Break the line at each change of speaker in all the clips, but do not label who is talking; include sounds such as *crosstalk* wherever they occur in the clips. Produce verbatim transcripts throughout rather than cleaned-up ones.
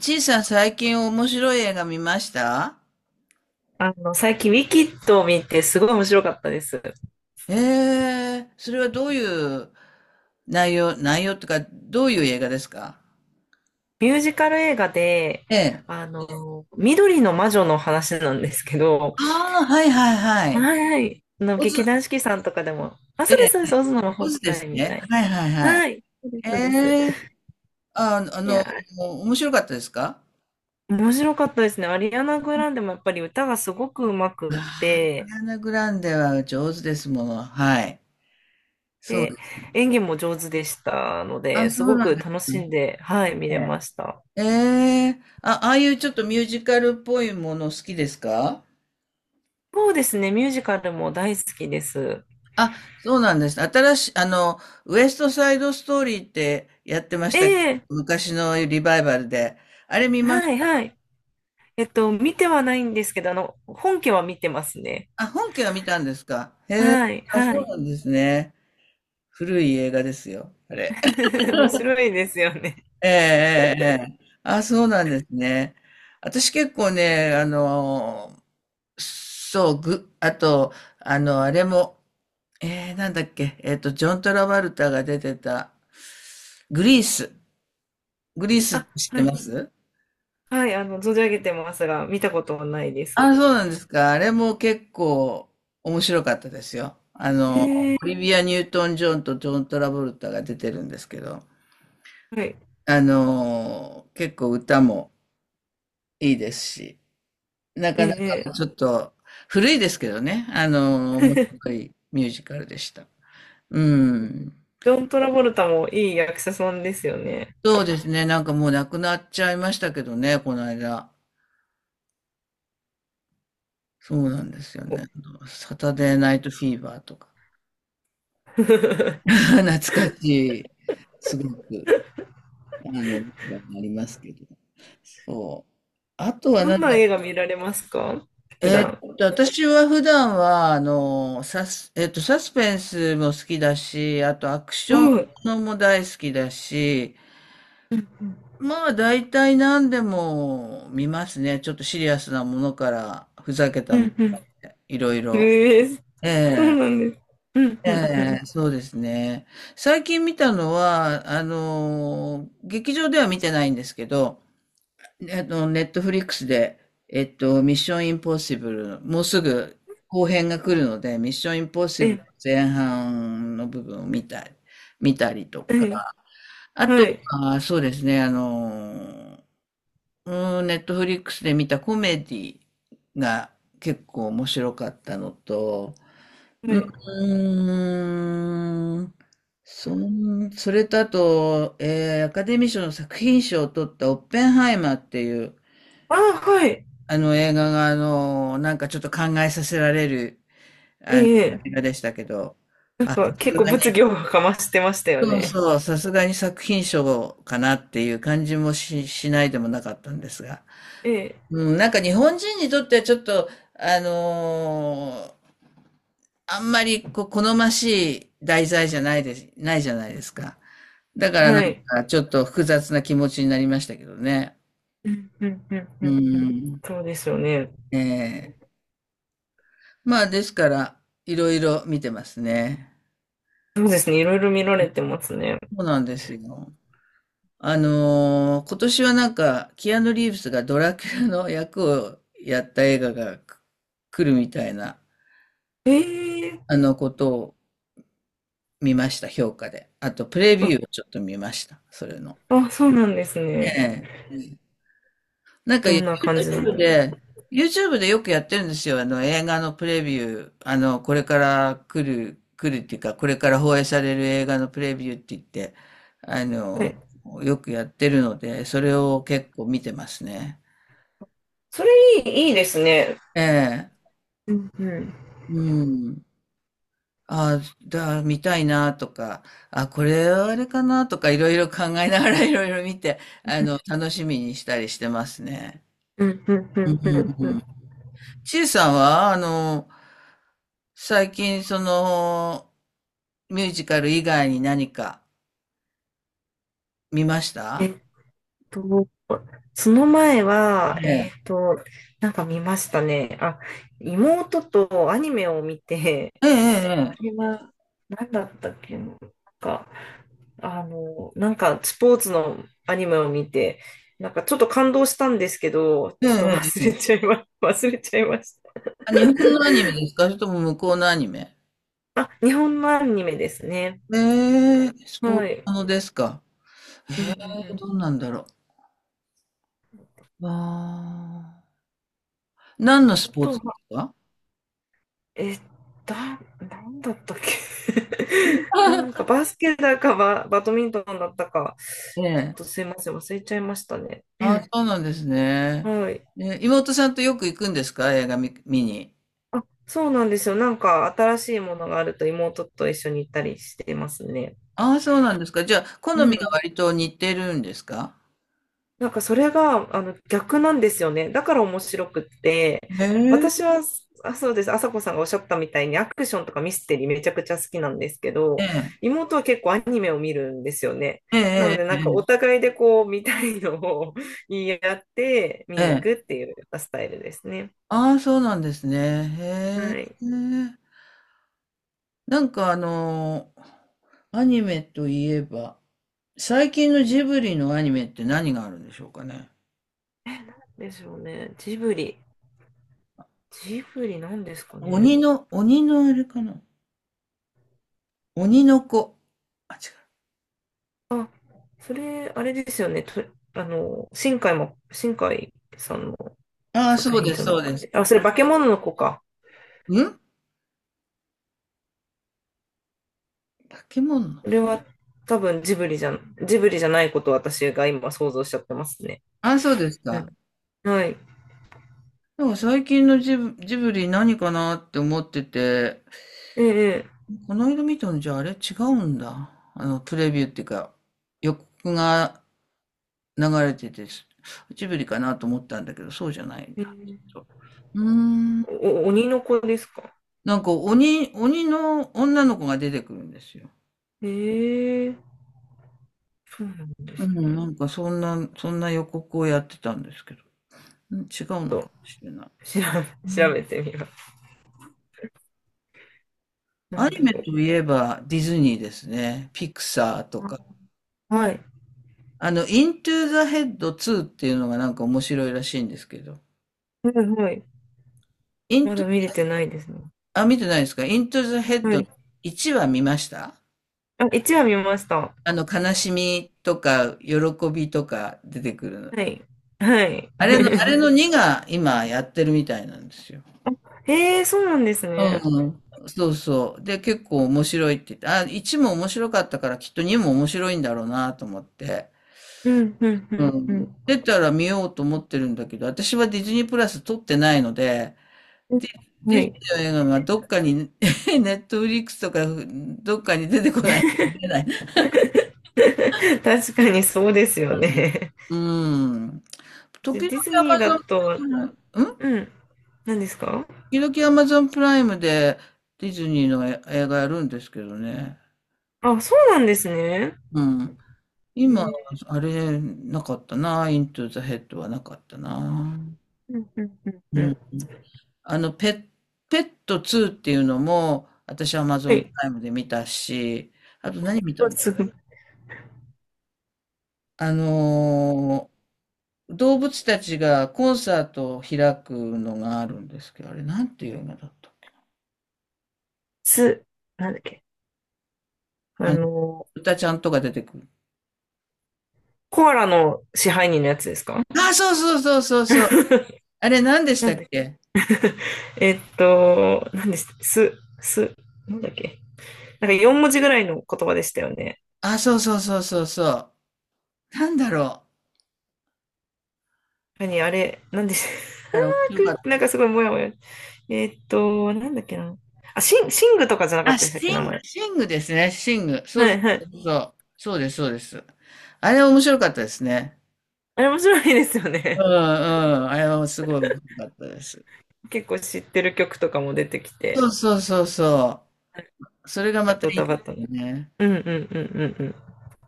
ちいさん最近面白い映画見ました？
あの、最近、ウィキッドを見て、すごい面白かったです。
ええー、それはどういう内容、内容とか、どういう映画ですか？
ミュージカル映画で、
ええ。
あの、緑の魔女の話なんですけど、
ああ、はいはいはい。
はいはい、あの、
オズ、
劇団四季さんとかでも、あ、
え
そうで
え、
す、そうです、オズの魔
オ
法
ズで
使
す
いみた
ね。
い
はいはい
な。
はい。
はい、そうです、そうで
え
す。
え、あ、あ
い
の、
や、
面白かったですか？
面白かったですね。アリアナ・グランデもやっぱり歌がすごく上手くっ
ああ、ア
て、
リアナグランデは上手ですもの。はい。そうで
で、
す。
演技も上手でしたの
あ、
で、
そ
す
う
ご
な
く
んで
楽
す
しん
か。
で、はい、見れました。
ええ、ええあ、ああいうちょっとミュージカルっぽいもの好きですか？
そうですね、ミュージカルも大好きです。
あ、そうなんです。新しい、あの、ウエストサイドストーリーってやってまし
え
たけど、
え、
昔のリバイバルで。あれ見まし
はい、
た。
はい。えっと、見てはないんですけど、あの、本家は見てますね。
あ、本家は見たんですか。へえ、
はい、
あ、そ
は
う
い。
なんですね。古い映画ですよ、あれ。*laughs*
*laughs* 面白いですよね。
ええ、ええ、ええあ、そうなんですね。私結構ね、あの、そう、ぐ、あと、あの、あれも、えー、なんだっけ、えっと、ジョン・トラバルタが出てた、グリース。グリースっ
あ、
て知っ
は
て
い、
ます？
はい、あの、存じ上げてますが、見たことはないです。
あ、そうなんですか。あれも結構面白かったですよ。あの、
えー、
オリビア・ニュートン・ジョンとジョン・トラボルタが出てるんですけど、
はい、
あの、結構歌もいいですし、なかな
え
か
え、
ちょっと古いですけどね、あの、面白いミュージカルでした。うん。
ジョン・トラボルタもいい役者さんですよね。
そうですね。なんかもう亡くなっちゃいましたけどね、この間。そうなんですよね。あのサタデー・ナイト・フィーバーとか。*laughs*
*laughs*
懐かしい。すごく。あの、なりますけど。そう。あとは
ど
な
ん
ん
な
だ、
映画見られますか？普
え
段。
ーっと、私は普段は、あの、サス、えーっと、サスペンスも好きだし、あとアクシ
う
ョンも
ん。
のも大好きだし、
うん、うん、
まあ大体何でも見ますね。ちょっとシリアスなものから、ふざけた
う
もの
ん。
で、いろいろ。
ええ、
え
そう
え、
なんです。うん、うん、う
え
ん。
え、そうですね。最近見たのは、あの、劇場では見てないんですけど、えっと、ネットフリックスで、えっと、ミッションインポッシブル、もうすぐ後編が来るので、ミッションインポッシブルの前半の部分を見たり、見たりと
え
か、
え、
あ
は
と
い、
は、そうですね、あの、うん、ネットフリックスで見たコメディが結構面白かったのと、
は
う
い。
ーん、そん、それとあと、えーアカデミー賞の作品賞を取ったオッペンハイマーっていう、
あ、はい。
あの映画が、あの、なんかちょっと考えさせられる、
え
あの、映
え、
画でしたけど、
なん
あ、
か
さ
結
す
構
が
物
に、
議をかましてましたよ
そう
ね。
そう、さすがに作品賞かなっていう感じもし、しないでもなかったんですが。
ええ、
うん、なんか日本人にとってはちょっと、あのーあんまりこう好ましい題材じゃないです、ないじゃないですか。だからな
は
ん
い。
かちょっと複雑な気持ちになりましたけどね。
うんうんうんうん
う
うん。
ん。
そうですよね。
ええ、まあ、ですから、いろいろ見てますね。
そうですね。いろいろ見られてますね。
そうなんですよ。あのー今年はなんか、キアヌ・リーブスがドラキュラの役をやった映画がく来るみたいな、
ええ、
あのことを見ました、評価で。あと、プレ
あ、
ビューをちょっと見ました、それの。
あ、そうなんです
え
ね。
え。なんか
どんな
YouTube
感じなんだ。
で、YouTube でよくやってるんですよ。あの、映画のプレビュー。あの、これから来る、来るっていうか、これから放映される映画のプレビューって言って、あ
は
の、
い。
よくやってるので、それを結構見てますね。
それいい、いいですね。
ええ。
うんうん。
うん。あだ、見たいなとか、あ、これはあれかなとか、いろいろ考えながらいろいろ見て、あの、楽しみにしたりしてますね。
うんうんう
う
んうんうん。
ん。ちいさんは、あの、最近、その、ミュージカル以外に何か見ました？
えっと、その前は、
え
え
え。
っと、なんか見ましたね。あ、妹とアニメを見て、
え
あ
え、
れは何だったっけな。なんかあの、なんかスポーツのアニメを見て、なんかちょっと感動したんですけど、
ええ、
ちょっと
ええ。え
忘れ
え
ちゃいま、*laughs* 忘れちゃいました。
あ日本のアニメですか、それとも向こうのアニメ？
あ、日本のアニメですね。
ええ、スポーツ
はい。
ものですか？
うんうんう
ええ、ど
ん。
うなんだろう。ああ。何の
あ
スポー
と
ツで
は、
すか？
え、だ、なんだったっけ *laughs* なんか
*laughs*
バスケだかバ、バドミントンだったか、
え
ちょっ
え。
とすいません、忘れちゃいましたね。*clears throat*
ああ、そうなんですね。
はい。
ええ、妹さんとよく行くんですか、映画見、見に。
あ、そうなんですよ。なんか新しいものがあると妹と一緒に行ったりしてますね。
ああ、そうなんですか。じゃあ、好
う
みが
ん。
割と似てるんですか？
なんかそれがあの逆なんですよね。だから面白くって、
へ
私
え。
は、あ、そうです、朝子さんがおっしゃったみたいにアクションとかミステリーめちゃくちゃ好きなんですけ
え
ど、
え。
妹は結構アニメを見るんですよね。
え
なの
え
で
え
なんかお
ええ
互いでこう見たいのを *laughs* 言い合って見
え。
に行
え
くっ
ええ
ていうスタイルですね。
あ、あ、そうなんですね。へ
はい。
え。なんかあの、アニメといえば、最近のジブリのアニメって何があるんでしょうかね。
でしょうね。ジブリ。ジブリなんですかね。
鬼の、鬼のあれかな。鬼の子。あ、違う。
あ、それ、あれですよね。と、あの、新海も、新海さんの
ああ、
作
そう
品
で
じ
す、
ゃな
そうで
く
す。
て。あ、それ化け物の子か。
ん化け物の
こ
子。
れは多分ジブリじゃ、ジブリじゃないことを私が今想像しちゃってますね。
ああ、そうです
う
か。
ん、はい。
でも最近のジブ、ジブリ何かなって思ってて、
ええ、
この間見たのじゃあ、あれ違うんだ。あの、プレビューっていうか、予告が流れてて、ジブリかなと思ったんだけど、そうじゃないんだ。ちょ
ええ、
っとうーん。
お、鬼の子ですか。
なんか鬼、鬼の女の子が出てくるんですよ。
ええ、そうなんで
う
す
ん、
ね。
なんかそんな、そんな予告をやってたんですけど、うん、違う
ち
の
ょっと、
かもしれない。
調
う
べ、調
ん。
べてみます。な
ア
ん
ニ
だ
メ
ろ
といえばディズニーですね。ピクサーと
う。
か。
あ、はい。
あの、イントゥーザヘッドツーっていうのがなんか面白いらしいんですけど。
はいはい。
イン
まだ見れてないですね。
あ、見てないですか。イントゥ e ヘッ
は
ド
い。
ワンは見ました？
あ、一話見ました。
あの、悲しみとか、喜びとか出てくるの。
はい。はい。
あれの、あれ
*laughs*
のツーが今やってるみたいなんですよ。
ええ、そうなんですね。
うん。そうそう。で、結構面白いって言って、あ、ワンも面白かったからきっとツーも面白いんだろうなと思って。
うん、うん、う
う
ん、う
ん。
ん。
出たら見ようと思ってるんだけど、私はディズニープラス撮ってないので、
う
ディ
ん、
デ
は
ィズニ
い。
ーの映画がどっかに、*laughs* ネットフリックスとか、どっかに出てこない。出ない。
*laughs* 確かにそうですよね。
うん。
デ
時々
ィズ
ア
ニー
マ
だ
ゾン、
と、
うん、うん
うん、何ですか？
時々アマゾンプライムでディズニーのえ映画やるんですけどね。
あ、そうなんですね。
うん。
え
今、
ー
あれ、なかったな。イントゥザヘッドはなかったな。
うんうんうんう
うん。
ん。
あの、ペッ、ペットツーっていうのも、私は
は
Amazon プ
い。
ライムで見たし、あと何見たの？
すぐ、
あのー動物たちがコンサートを開くのがあるんですけど、あれ、なんていう映画だったっけ？
す、なんだっけ。あの、
歌ちゃんとか出てくる。
コアラの支配人のやつですか？
あ、そうそうそうそうそう。
*laughs*
あれ何でし
な
たっ
んで、
け？
えっと、なんです、す、す、なんだっけ。なんかよん文字ぐらいの言葉でしたよね。
あ、そうそうそうそうそう。なんだろ
何、あれ、なんでし *laughs*
う。あれ面
あ
白かっ
ーくな
た。
んかすごいもやもや。えっと、なんだっけな。あ、シン、シングとかじゃなかっ
あ、
たでし
ス
たっ
ティ
け、名
ン、
前。
シングですね。シング。そう
は
そ
いはい。
うそう。そうです、そうです。あれ面白かったですね。
あれ面白いですよ
うんう
ね。
ん。あれはすごい面白かったです。
*laughs* 結構知ってる曲とかも出てき
そ
て、
うそうそうそう。それがまた
ド
い
タ
い
バ
で
タ
す
の。
よね。
うんうんうんうん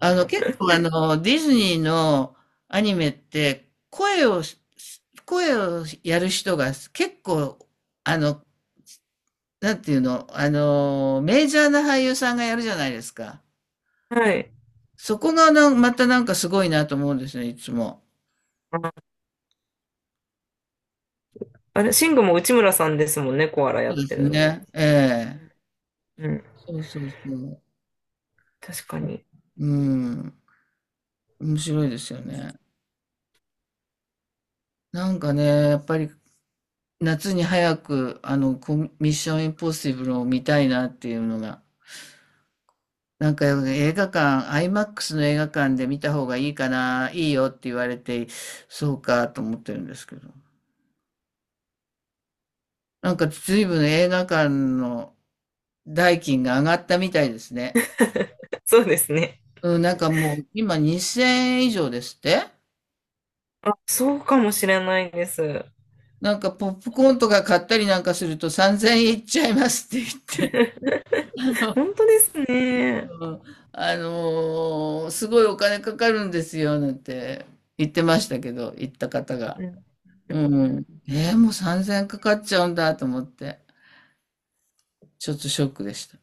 あの、結構あの、ディズニーのアニメって、声をし、声をやる人が結構、あの、なんていうの、あの、メジャーな俳優さんがやるじゃないですか。
うん。はい。
そこがなんまたなんかすごいなと思うんですね、いつも。
あ、あれ、シングも内村さんですもんね、コアラや
そ
っ
うで
て
す
るの。
ね。ええ。
うん、
そうそうそう。
確かに。
うん、面白いですよね。なんかね、やっぱり夏に早くあのコミミッションインポッシブルを見たいなっていうのが、なんか映画館、アイマックス の映画館で見た方がいいかな、いいよって言われて、そうかと思ってるんですけど。なんか随分映画館の代金が上がったみたいですね。
*laughs* そうですね。
うん、なんかもう今にせんえん以上ですって。
あ、そうかもしれないです。
なんかポップコーンとか買ったりなんかするとさんぜんえんいっちゃいますって言って、
本当ですね。
*laughs* あのーすごいお金かかるんですよなんて言ってましたけど、言った方が。
うん
う
うん。
ん。えーもうさんぜんえんかかっちゃうんだと思って、ちょっとショックでした。